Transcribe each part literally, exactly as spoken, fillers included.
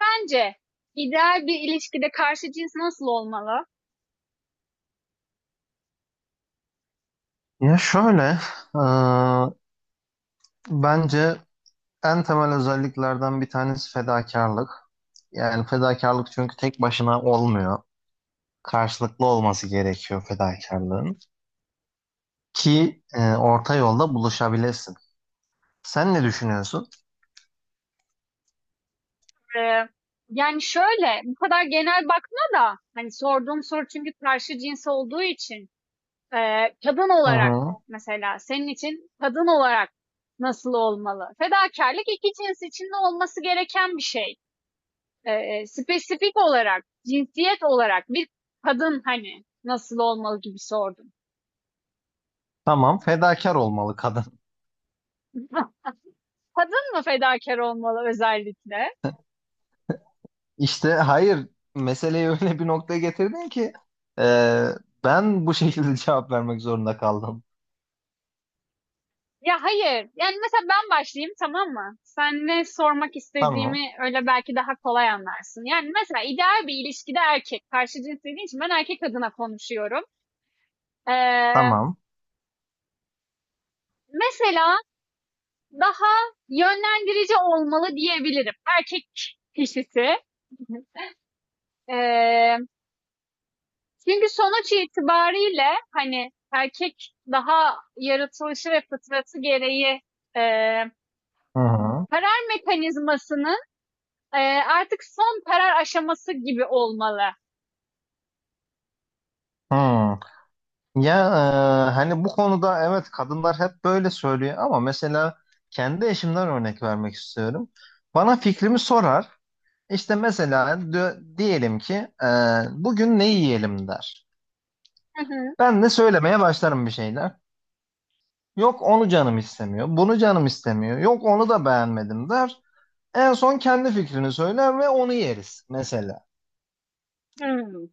Bence ideal bir ilişkide karşı cins nasıl olmalı? Ya şöyle, e, bence en temel özelliklerden bir tanesi fedakarlık. Yani fedakarlık çünkü tek başına olmuyor. Karşılıklı olması gerekiyor fedakarlığın. Ki e, orta yolda buluşabilesin. Sen ne düşünüyorsun? Ee, Yani şöyle, bu kadar genel bakma da hani sorduğum soru çünkü karşı cins olduğu için ee, kadın Hı olarak hı. mesela senin için kadın olarak nasıl olmalı? Fedakarlık iki cins içinde olması gereken bir şey. Ee, e, spesifik olarak, cinsiyet olarak bir kadın hani nasıl olmalı gibi sordum. Tamam, fedakar olmalı kadın. Kadın mı fedakar olmalı özellikle? İşte hayır, meseleyi öyle bir noktaya getirdin ki e, ben bu şekilde cevap vermek zorunda kaldım. Ya hayır. Yani mesela ben başlayayım, tamam mı? Sen ne sormak Tamam, istediğimi öyle belki daha kolay anlarsın. Yani mesela ideal bir ilişkide erkek. Karşı cins dediğin için ben erkek adına konuşuyorum. Ee, tamam. Mesela daha yönlendirici olmalı diyebilirim. Erkek kişisi. Ee, Çünkü sonuç itibariyle hani erkek daha yaratılışı ve fıtratı gereği e, Hı hı. karar mekanizmasını Eee, artık son karar aşaması gibi olmalı. Hı. Ya e, hani bu konuda evet kadınlar hep böyle söylüyor ama mesela kendi eşimden örnek vermek istiyorum. Bana fikrimi sorar. İşte mesela dö- diyelim ki e, bugün ne yiyelim der. Hı hı. Ben de söylemeye başlarım bir şeyler. Yok onu canım istemiyor, bunu canım istemiyor. Yok onu da beğenmedim der. En son kendi fikrini söyler ve onu yeriz mesela. Hımm,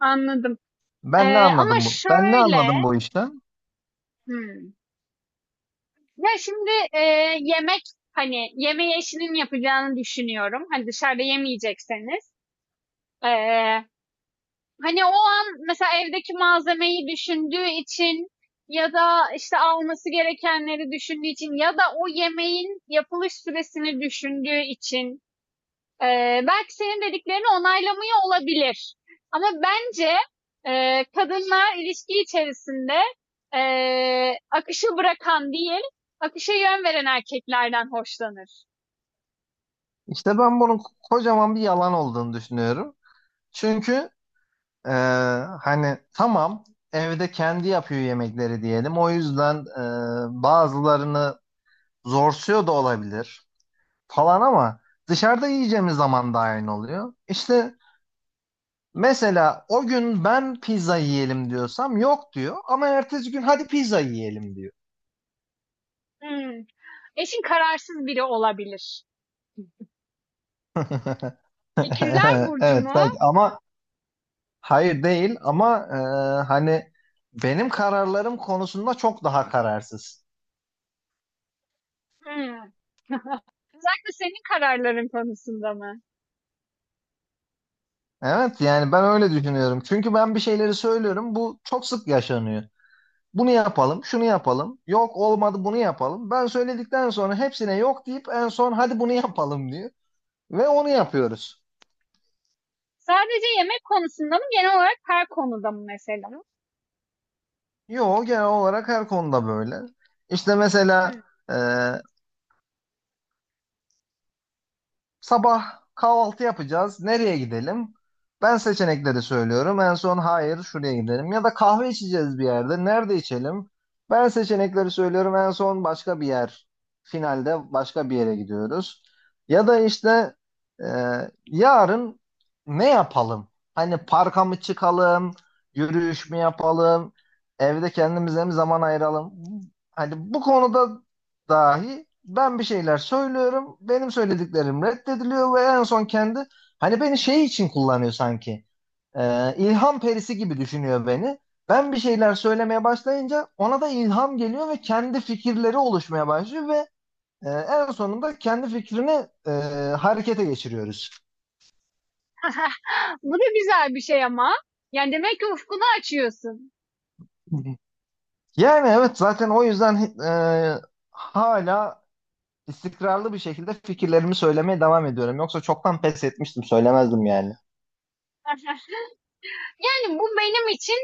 anladım. Ben ne Eee, ama anladım bu? Ben ne şöyle, anladım bu işten? hımm, ya, şimdi, eee, yemek, hani, yemeği eşinin yapacağını düşünüyorum. Hani, dışarıda yemeyecekseniz. Eee, Hani, o an mesela evdeki malzemeyi düşündüğü için ya da, işte, alması gerekenleri düşündüğü için ya da o yemeğin yapılış süresini düşündüğü için, Ee, belki senin dediklerini onaylamıyor olabilir. Ama bence e, kadınlar ilişki içerisinde e, akışı bırakan değil, akışa yön veren erkeklerden hoşlanır. İşte ben bunun kocaman bir yalan olduğunu düşünüyorum. Çünkü Ee, hani tamam evde kendi yapıyor yemekleri diyelim. O yüzden e, bazılarını zorsuyor da olabilir falan ama dışarıda yiyeceğimiz zaman da aynı oluyor. İşte mesela o gün ben pizza yiyelim diyorsam yok diyor ama ertesi gün hadi pizza yiyelim diyor. Hmm. Eşin kararsız biri olabilir. İkizler Burcu Evet mu? belki ama hayır değil ama e, hani benim kararlarım konusunda çok daha kararsız. Hmm. Özellikle senin kararların konusunda mı? Evet yani ben öyle düşünüyorum. Çünkü ben bir şeyleri söylüyorum. Bu çok sık yaşanıyor. Bunu yapalım, şunu yapalım. Yok olmadı bunu yapalım. Ben söyledikten sonra hepsine yok deyip en son hadi bunu yapalım diyor. Ve onu yapıyoruz. Sadece yemek konusunda mı? Genel olarak her konuda mı mesela? Yo, genel olarak her konuda böyle. İşte mesela Hmm. sabah kahvaltı yapacağız. Nereye gidelim? Ben seçenekleri söylüyorum. En son hayır şuraya gidelim. Ya da kahve içeceğiz bir yerde. Nerede içelim? Ben seçenekleri söylüyorum. En son başka bir yer. Finalde başka bir yere gidiyoruz. Ya da işte e, yarın ne yapalım? Hani parka mı çıkalım? Yürüyüş mü yapalım? Evde kendimize mi zaman ayıralım? Hani bu konuda dahi ben bir şeyler söylüyorum. Benim söylediklerim reddediliyor ve en son kendi hani beni şey için kullanıyor sanki. Ee, ilham perisi gibi düşünüyor beni. Ben bir şeyler söylemeye başlayınca ona da ilham geliyor ve kendi fikirleri oluşmaya başlıyor ve e, en sonunda kendi fikrini e, harekete geçiriyoruz. Bu da güzel bir şey ama. Yani demek ki ufkunu açıyorsun. Yani evet, zaten o yüzden e, hala istikrarlı bir şekilde fikirlerimi söylemeye devam ediyorum. Yoksa çoktan pes etmiştim, söylemezdim yani. Yani bu benim için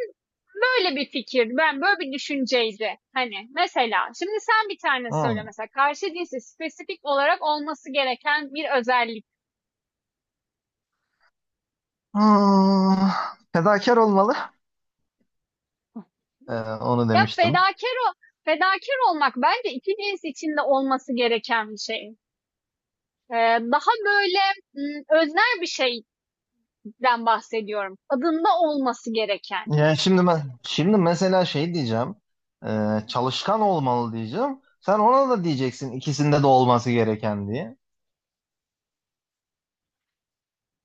böyle bir fikir. Ben böyle bir düşünceydi. Hani mesela şimdi sen bir tane söyle Hı. mesela karşı cinsi spesifik olarak olması gereken bir özellik. Hmm, fedakar olmalı. Ee, onu Ya demiştim. fedakar o Fedakar olmak bence iki cins içinde olması gereken bir şey. Ee, Daha böyle m, öznel bir şeyden bahsediyorum. Adında olması gereken. Yani şimdi ben şimdi mesela şey diyeceğim. Ee, çalışkan olmalı diyeceğim. Sen ona da diyeceksin ikisinde de olması gereken diye.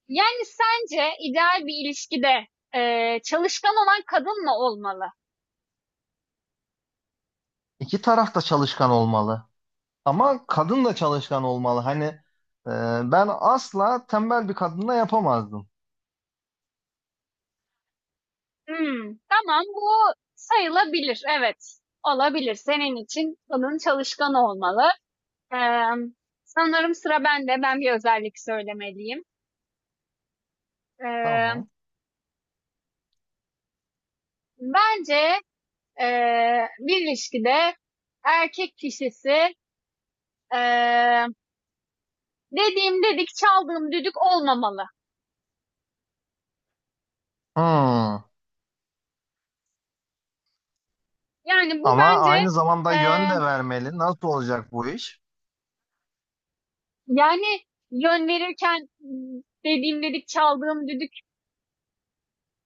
Yani sence ideal bir ilişkide e, çalışkan olan kadın mı olmalı? İki taraf da çalışkan olmalı. Ama kadın da çalışkan olmalı. Hani e, ben asla tembel bir kadınla yapamazdım. Hımm, tamam, bu sayılabilir. Evet, olabilir. Senin için bunun çalışkan olmalı. Emm, sanırım sıra bende. Ben bir özellik söylemeliyim. Emm, Tamam. bence, eee, bir ilişkide erkek kişisi, eee, dediğim dedik, çaldığım düdük olmamalı. Hmm. Yani bu Ama bence, aynı zamanda yön eee, de vermeli. Nasıl olacak bu iş? yani yön verirken, ımm, dediğim dedik, çaldığım düdük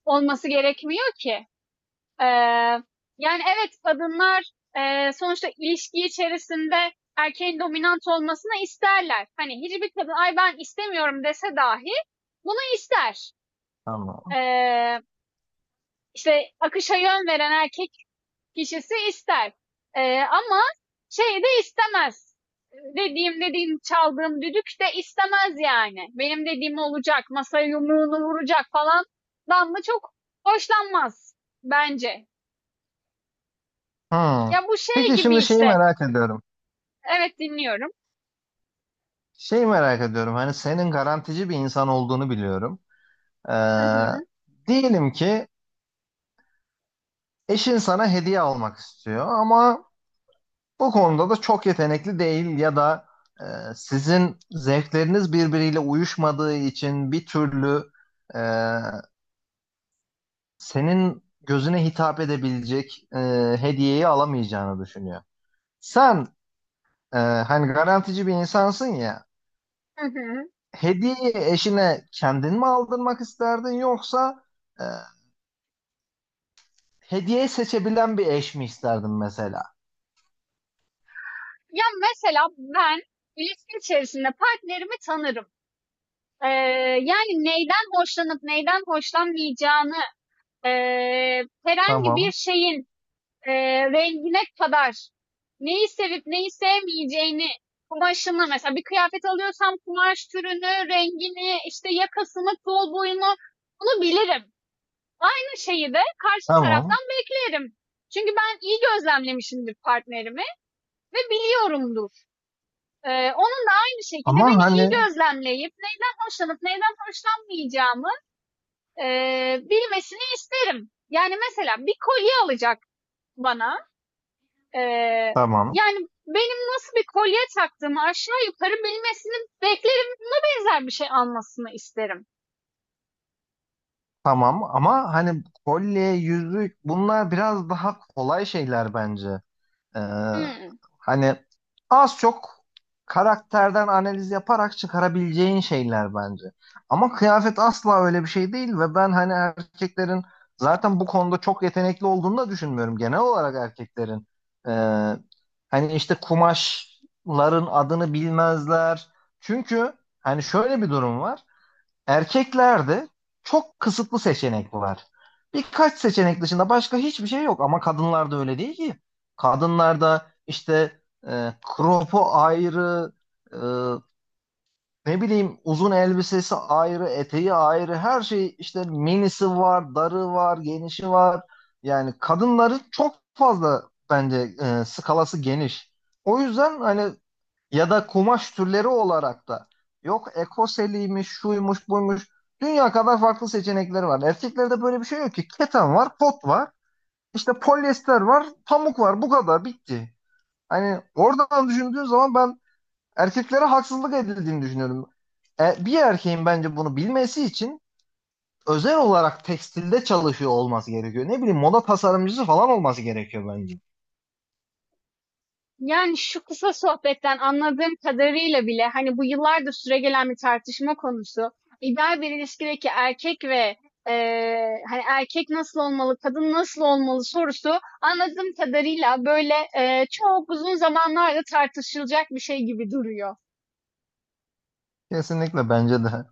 olması gerekmiyor ki. Eee, yani evet kadınlar eee, sonuçta ilişki içerisinde erkeğin dominant olmasını isterler. Hani hiçbir kadın ay ben istemiyorum dese dahi bunu ister. Tamam. Eee işte akışa yön veren erkek kişisi ister. Eee, ama şeyi de istemez. Dediğim dediğim çaldığım düdük de istemez yani. Benim dediğim olacak, masaya yumruğunu vuracak falan. Dan mı çok hoşlanmaz bence. Hmm. Ya bu şey Peki gibi şimdi şeyi işte. merak ediyorum. Evet, dinliyorum. Şey merak ediyorum, hani senin garantici bir insan olduğunu biliyorum. Ee, Hı hı. diyelim ki eşin sana hediye almak istiyor ama bu konuda da çok yetenekli değil ya da e, sizin zevkleriniz birbiriyle uyuşmadığı için bir türlü e, senin gözüne hitap edebilecek e, hediyeyi alamayacağını düşünüyor. Sen e, hani garantici bir insansın ya, Hı hı. hediyeyi eşine kendin mi aldırmak isterdin yoksa... e, hediye seçebilen bir eş mi isterdim mesela? Ya mesela ben ilişki içerisinde partnerimi tanırım. Ee, yani neyden hoşlanıp neyden hoşlanmayacağını ee, herhangi Tamam. bir şeyin ee, rengine kadar neyi sevip neyi sevmeyeceğini kumaşını mesela bir kıyafet alıyorsam kumaş türünü, rengini, işte yakasını, kol boyunu bunu bilirim. Aynı şeyi de karşı Tamam. taraftan bilirim. Çünkü ben iyi gözlemlemişimdir partnerimi. Ve biliyorumdur. Ee, onun da aynı şekilde Ama beni iyi hani gözlemleyip neyden hoşlanıp neyden hoşlanmayacağımı e, bilmesini isterim. Yani mesela bir kolye alacak bana. Ee, tamam. yani benim nasıl bir kolye taktığımı aşağı yukarı bilmesini beklerim, benzer bir şey almasını isterim. Tamam, ama hani kolye, yüzük bunlar biraz daha kolay şeyler bence. Ee, Hmm. hani az çok karakterden analiz yaparak çıkarabileceğin şeyler bence. Ama kıyafet asla öyle bir şey değil ve ben hani erkeklerin zaten bu konuda çok yetenekli olduğunu da düşünmüyorum. Genel olarak erkeklerin e, hani işte kumaşların adını bilmezler. Çünkü hani şöyle bir durum var. Erkeklerde çok kısıtlı seçenek var. Birkaç seçenek dışında başka hiçbir şey yok ama kadınlarda öyle değil ki. Kadınlarda işte e, kropu ayrı, e, ne bileyim uzun elbisesi ayrı, eteği ayrı, her şey işte minisi var, darı var, genişi var. Yani kadınların çok fazla bence e, skalası geniş. O yüzden hani ya da kumaş türleri olarak da yok ekoseliymiş, şuymuş, buymuş. Dünya kadar farklı seçenekleri var. Erkeklerde böyle bir şey yok ki. Keten var, kot var, işte polyester var, pamuk var. Bu kadar bitti. Hani oradan düşündüğün zaman ben erkeklere haksızlık edildiğini düşünüyorum. E, bir erkeğin bence bunu bilmesi için özel olarak tekstilde çalışıyor olması gerekiyor. Ne bileyim moda tasarımcısı falan olması gerekiyor bence. Yani şu kısa sohbetten anladığım kadarıyla bile hani bu yıllardır süregelen bir tartışma konusu. İdeal bir ilişkideki erkek ve eee, hani erkek nasıl olmalı, kadın nasıl olmalı sorusu anladığım kadarıyla böyle eee, çok uzun zamanlarda tartışılacak bir şey gibi duruyor. Kesinlikle bence de.